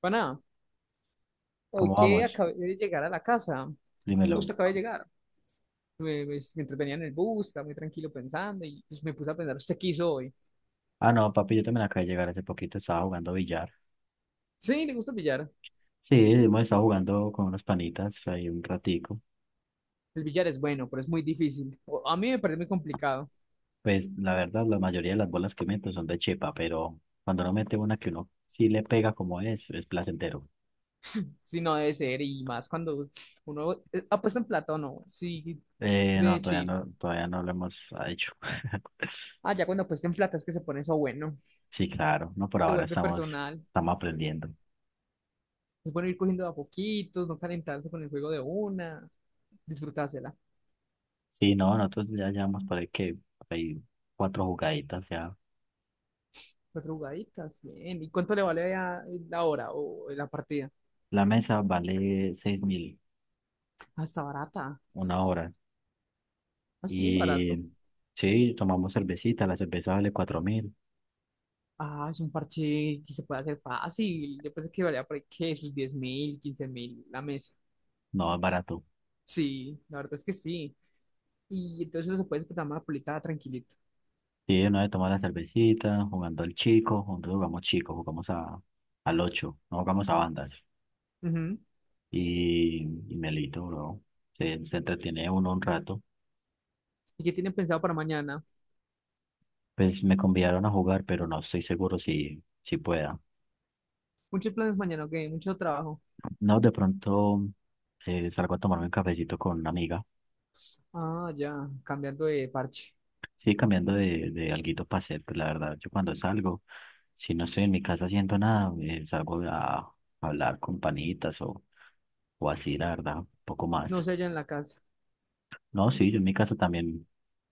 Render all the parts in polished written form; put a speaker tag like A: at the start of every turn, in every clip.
A: Para hoy
B: ¿Cómo
A: que
B: vamos?
A: acabé de llegar a la casa,
B: Dímelo.
A: justo acabé de llegar. Me entretenía en el bus, estaba muy tranquilo pensando y pues, me puse a pensar, ¿usted qué hizo hoy?
B: Ah, no, papi, yo también acabo de llegar hace poquito, estaba jugando billar.
A: Sí, le gusta el billar.
B: Sí, hemos estado jugando con unos panitas ahí un ratico.
A: El billar es bueno, pero es muy difícil. A mí me parece muy complicado,
B: Pues la verdad, la mayoría de las bolas que meto son de chepa, pero cuando uno mete una que uno sí le pega como es placentero.
A: si no debe ser, y más cuando uno apuesta en plata o no, sí,
B: No,
A: de
B: todavía
A: chill.
B: no, todavía no lo hemos hecho.
A: Ah, ya cuando apuesta en plata es que se pone eso bueno,
B: Sí, claro, no, por
A: se
B: ahora
A: vuelve
B: estamos,
A: personal.
B: estamos aprendiendo.
A: Es bueno ir cogiendo de a poquitos, no calentarse con el juego de una, disfrutársela.
B: Sí, no, nosotros ya llevamos por ahí que hay cuatro jugaditas ya.
A: Cuatro jugaditas, bien. ¿Y cuánto le vale la hora o la partida?
B: La mesa vale seis mil
A: Ah, está barata.
B: una hora.
A: Ah, está muy barato.
B: Y sí, tomamos cervecita, la cerveza vale cuatro mil,
A: Ah, es un parche que se puede hacer fácil. Yo pensé que valía por ahí, ¿qué? Sus 10 mil, 15 mil la mesa.
B: no es barato.
A: Sí, la verdad es que sí. Y entonces uno se puede disfrutar más polita tranquilito.
B: Sí, una vez tomamos la cervecita, jugando al chico, juntos jugamos chico, jugamos a, al ocho, no jugamos a bandas.
A: Ujú.
B: Y, y Melito, bro, se entretiene uno un rato.
A: ¿Y qué tienen pensado para mañana?
B: Pues me convidaron a jugar, pero no estoy seguro si pueda.
A: Muchos planes mañana, ok, mucho trabajo.
B: No, de pronto salgo a tomarme un cafecito con una amiga.
A: Ah, ya, cambiando de parche.
B: Sí, cambiando de alguito para hacer, pues la verdad, yo cuando salgo, si no estoy en mi casa haciendo nada, salgo a hablar con panitas o así, la verdad, un poco
A: No
B: más.
A: sé, allá en la casa.
B: No, sí, yo en mi casa también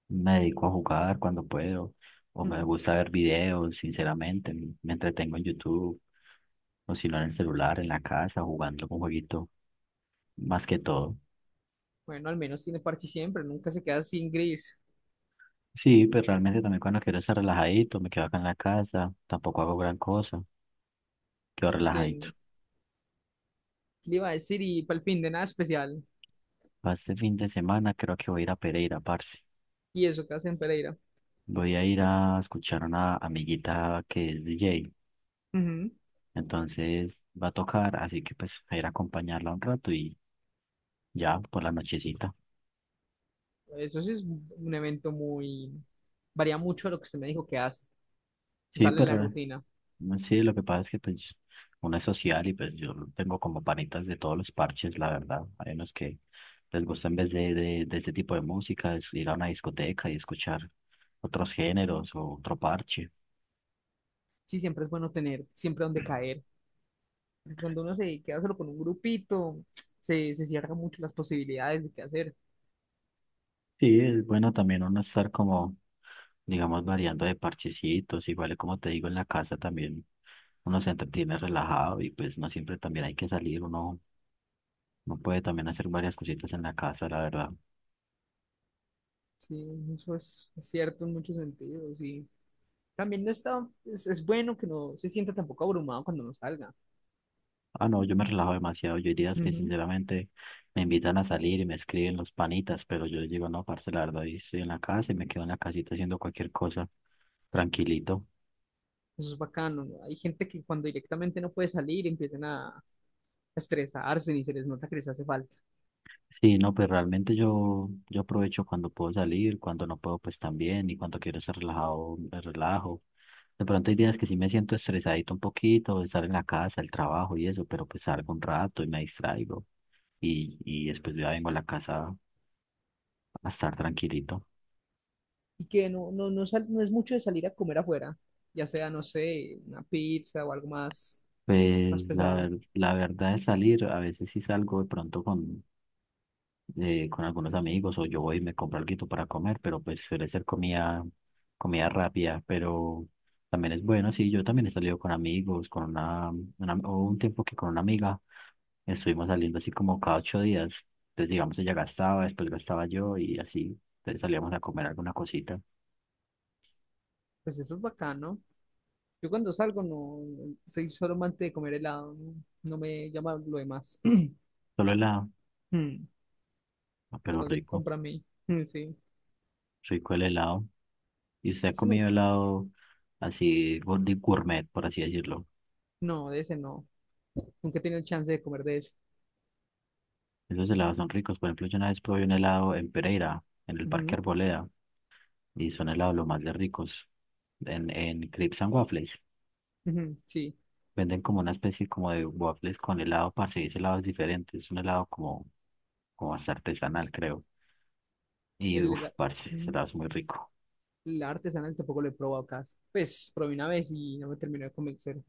B: me dedico a jugar cuando puedo, o me
A: Mm.
B: gusta ver videos, sinceramente, me entretengo en YouTube, o si no en el celular, en la casa, jugando un jueguito, más que todo.
A: Bueno, al menos tiene parche siempre, nunca se queda sin gris.
B: Sí, pero realmente también cuando quiero estar relajadito, me quedo acá en la casa, tampoco hago gran cosa, quedo relajadito.
A: Bien, le iba a decir? Y para el fin de nada especial.
B: Para este fin de semana creo que voy a ir a Pereira, parce.
A: Y eso que hace en Pereira.
B: Voy a ir a escuchar a una amiguita que es DJ.
A: Ujú.
B: Entonces va a tocar, así que pues a ir a acompañarla un rato y ya por la nochecita.
A: Eso sí es un evento muy... Varía mucho de lo que usted me dijo que hace. Se
B: Sí,
A: sale de la
B: pero
A: rutina.
B: sí, lo que pasa es que pues uno es social y pues yo tengo como panitas de todos los parches, la verdad. Hay unos que les gusta en vez de este tipo de música, es ir a una discoteca y escuchar otros géneros o otro parche.
A: Sí, siempre es bueno tener, siempre donde caer. Porque cuando uno se queda solo con un grupito, se cierran mucho las posibilidades de qué hacer.
B: Sí, es bueno también uno estar como, digamos, variando de parchecitos, igual como te digo en la casa también uno se entretiene relajado y pues no siempre también hay que salir, uno, no puede también hacer varias cositas en la casa, la verdad.
A: Sí, eso es cierto en muchos sentidos. Y también no está, es bueno que no se sienta tampoco abrumado cuando no salga.
B: Ah, no, yo me relajo demasiado, yo hay días que
A: Ujú.
B: sinceramente me invitan a salir y me escriben los panitas, pero yo les digo, no, parce, la verdad, hoy estoy en la casa y me quedo en la casita haciendo cualquier cosa, tranquilito.
A: Eso es bacano, ¿no? Hay gente que cuando directamente no puede salir empiezan a, estresarse ni se les nota que les hace falta.
B: Sí, no, pues realmente yo aprovecho cuando puedo salir, cuando no puedo, pues también, y cuando quiero estar relajado, me relajo. De pronto hay días que sí me siento estresadito un poquito, de estar en la casa, el trabajo y eso, pero pues salgo un rato y me distraigo, y después ya vengo a la casa a estar tranquilito.
A: Y que no es mucho de salir a comer afuera, ya sea, no sé, una pizza o algo más, más
B: Pues
A: pesado.
B: la verdad es salir, a veces sí salgo de pronto con algunos amigos o yo voy y me compro algo para comer, pero pues suele ser comida, comida rápida, pero también es bueno, sí, yo también he salido con amigos, con una- hubo un tiempo que con una amiga estuvimos saliendo así como cada ocho días, entonces digamos ella gastaba, después gastaba yo y así, entonces salíamos a comer alguna cosita,
A: Pues eso es bacano. Yo cuando salgo no soy solo amante de comer helado, no, no me llama lo demás.
B: solo helado,
A: Mm.
B: ah,
A: Lo
B: pero
A: demás me
B: rico,
A: compra a mí. Mm, sí.
B: rico el helado, y usted ha
A: Ese no,
B: comido helado así, gour- de gourmet, por así decirlo.
A: no, de ese no. Nunca he tenido chance de comer de ese.
B: Esos helados son ricos. Por ejemplo, yo una vez probé un helado en Pereira, en el Parque
A: Ujú,
B: Arboleda, y son helados los más de ricos. En Crepes and Waffles.
A: ujú, sí.
B: Venden como una especie como de waffles con helado, parce, y ese helado es diferente. Es un helado como, como hasta artesanal, creo. Y
A: El,
B: uff,
A: hela-
B: parce, ese
A: Ujú.
B: helado es muy rico.
A: La artesanal tampoco lo he probado casi. Pues probé una vez y no me terminó de convencer.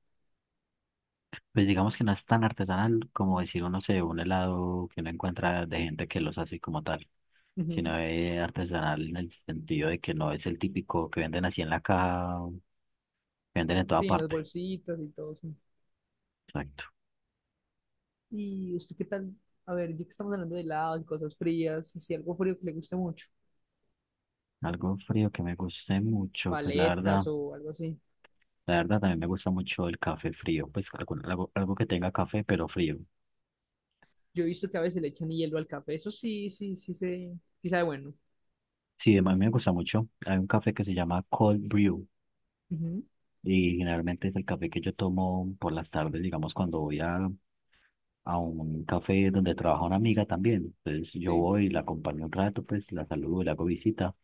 B: Pues digamos que no es tan artesanal como decir, uno se un helado que uno encuentra de gente que los hace como tal,
A: Ujú.
B: sino es artesanal en el sentido de que no es el típico que venden así en la caja, que venden en toda
A: Sí, en las
B: parte.
A: bolsitas y todo eso.
B: Exacto.
A: ¿Y usted qué tal? A ver, ya que estamos hablando de helados y cosas frías, si algo frío que le guste mucho,
B: Algo frío que me guste mucho, pues
A: paletas o algo así.
B: la verdad también me gusta mucho el café frío, pues algo, algo que tenga café pero frío.
A: Yo he visto que a veces le echan hielo al café, eso sí, sí, sí, se, sí sabe bueno.
B: Sí, a mí me gusta mucho. Hay un café que se llama Cold Brew
A: Ujú,
B: y generalmente es el café que yo tomo por las tardes, digamos, cuando voy a un café donde trabaja una amiga también. Entonces yo
A: sí.
B: voy y la acompaño un rato, pues la saludo, le hago visita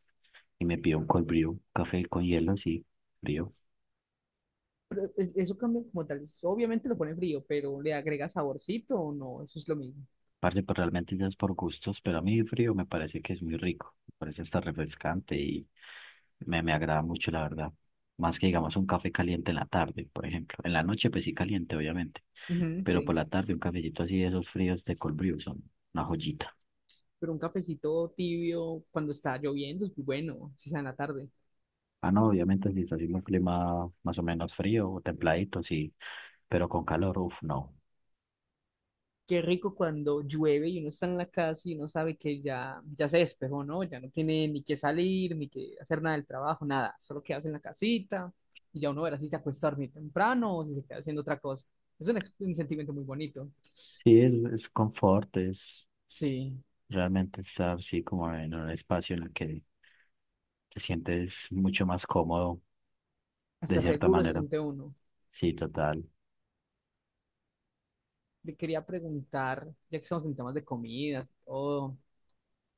B: y me pido un Cold Brew, café con hielo, sí, frío.
A: Pero eso cambia como tal. Obviamente lo pone frío, pero ¿le agrega saborcito o no? Eso es lo mismo.
B: Parce, pues realmente ya es por gustos, pero a mí frío me parece que es muy rico, me parece hasta refrescante. Me agrada mucho, la verdad. Más que digamos un café caliente en la tarde, por ejemplo. En la noche, pues sí caliente, obviamente.
A: Ujú,
B: Pero por
A: sí.
B: la tarde, un cafecito así de esos fríos de cold brew son una joyita.
A: Pero un cafecito tibio cuando está lloviendo es muy bueno, si sea en la tarde.
B: Ah, no, obviamente si está haciendo un clima más o menos frío o templadito, sí. Pero con calor, uff, no.
A: Qué rico cuando llueve y uno está en la casa y uno sabe que ya, ya se despejó, ¿no? Ya no tiene ni que salir, ni que hacer nada del trabajo, nada. Solo quedarse en la casita y ya uno verá si se acuesta a dormir temprano o si se queda haciendo otra cosa. Es un sentimiento muy bonito.
B: Sí, es confort, es
A: Sí,
B: realmente estar así como en un espacio en el que te sientes mucho más cómodo, de
A: hasta
B: cierta
A: seguro se
B: manera.
A: siente uno.
B: Sí, total.
A: Le quería preguntar, ya que estamos en temas de comidas y todo,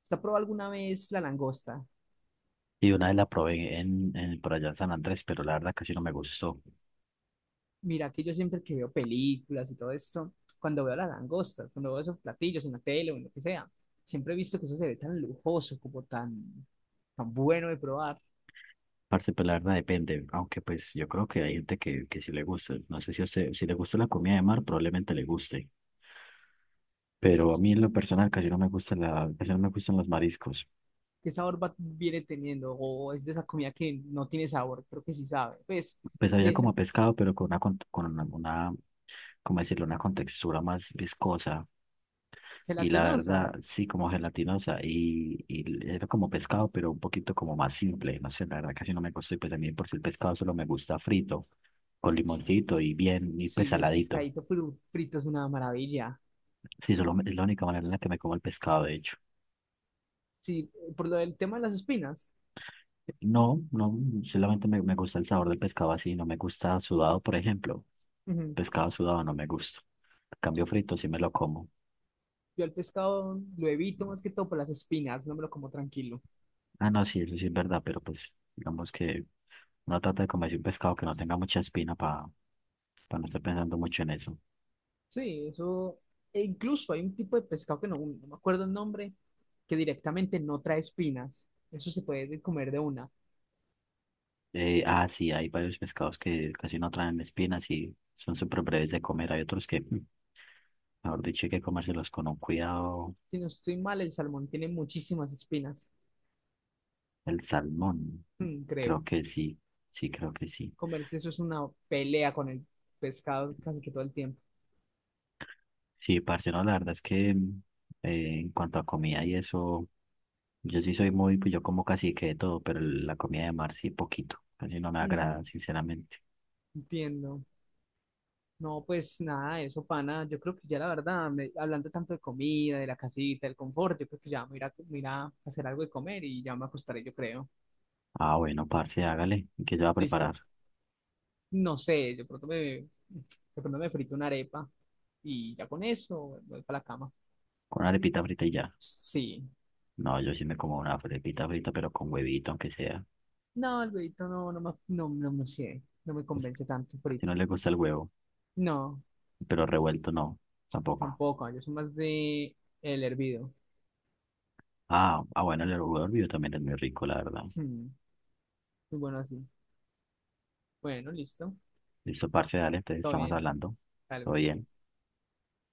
A: ¿usted ha probado alguna vez la langosta?
B: Y una vez la probé en, por allá en San Andrés, pero la verdad casi no me gustó.
A: Mira que yo siempre que veo películas y todo esto, cuando veo las langostas, cuando veo esos platillos en la tele o en lo que sea, siempre he visto que eso se ve tan lujoso, como tan, tan bueno de probar.
B: Parce, pues la verdad depende, aunque pues yo creo que hay gente que sí le gusta. No sé si a usted, si le gusta la comida de mar, probablemente le guste. Pero a mí en lo personal casi no me gusta la, casi no me gustan los mariscos.
A: ¿Qué sabor viene teniendo? O es de esa comida que no tiene sabor, creo que sí sabe. Pues,
B: Pues
A: de
B: había
A: esa
B: como pescado, pero con una, con una, una, ¿cómo decirlo? Una contextura más viscosa. Y la
A: gelatinosa,
B: verdad, sí, como gelatinosa. Y era como pescado, pero un poquito como más simple. No sé, la verdad casi no me gustó. Y pues a mí por si el pescado solo me gusta frito, con limoncito y bien, y
A: sí, el
B: pesaladito.
A: pescadito frito es una maravilla.
B: Sí, es la única manera en la que me como el pescado, de hecho.
A: Sí, por lo del tema de las espinas,
B: No, no, solamente me gusta el sabor del pescado así, no me gusta sudado, por ejemplo.
A: ujú.
B: Pescado sudado no me gusta. En cambio frito sí me lo como.
A: Yo el pescado lo evito más que todo por las espinas, no me lo como tranquilo.
B: Ah, no, sí, eso sí es verdad, pero pues digamos que uno trata de comerse un pescado que no tenga mucha espina para no estar pensando mucho en eso.
A: Sí, eso. E incluso hay un tipo de pescado que no, no me acuerdo el nombre, que directamente no trae espinas. Eso se puede comer de una.
B: Sí, hay varios pescados que casi no traen espinas y son súper breves de comer. Hay otros que, mejor dicho, hay que comérselos con un cuidado.
A: Si no estoy mal, el salmón tiene muchísimas espinas.
B: El salmón.
A: Mm, creo.
B: Creo que sí. Sí, creo que sí.
A: Comerse eso es una pelea con el pescado casi que todo el tiempo.
B: Sí, parce, no, la verdad es que en cuanto a comida y eso, yo sí soy muy, pues yo como casi que de todo, pero la comida de mar sí poquito. Casi no me agrada,
A: Mm,
B: sinceramente.
A: entiendo. No, pues nada, de eso, pana. Yo creo que ya la verdad, hablando tanto de comida, de la casita, del confort, yo creo que ya me irá a hacer algo de comer y ya me acostaré, yo creo.
B: Ah, bueno, parce, hágale. ¿Qué yo voy a preparar?
A: Listo. No sé, de pronto me frito una arepa y ya con eso voy para la cama.
B: Con una arepita frita y ya.
A: Sí.
B: No, yo sí me como una arepita frita, pero con huevito, aunque sea.
A: No, el huevito no, no me
B: Pues,
A: convence tanto
B: si
A: frito.
B: no le gusta el huevo,
A: No,
B: pero revuelto no, tampoco.
A: tampoco, yo soy más de el hervido.
B: Ah, ah bueno, el huevo hervido también es muy rico, la verdad.
A: Hmm, muy bueno así. Bueno, listo.
B: Listo, parce, dale, entonces
A: Todo
B: estamos
A: bien,
B: hablando.
A: tal
B: Todo
A: vez.
B: bien.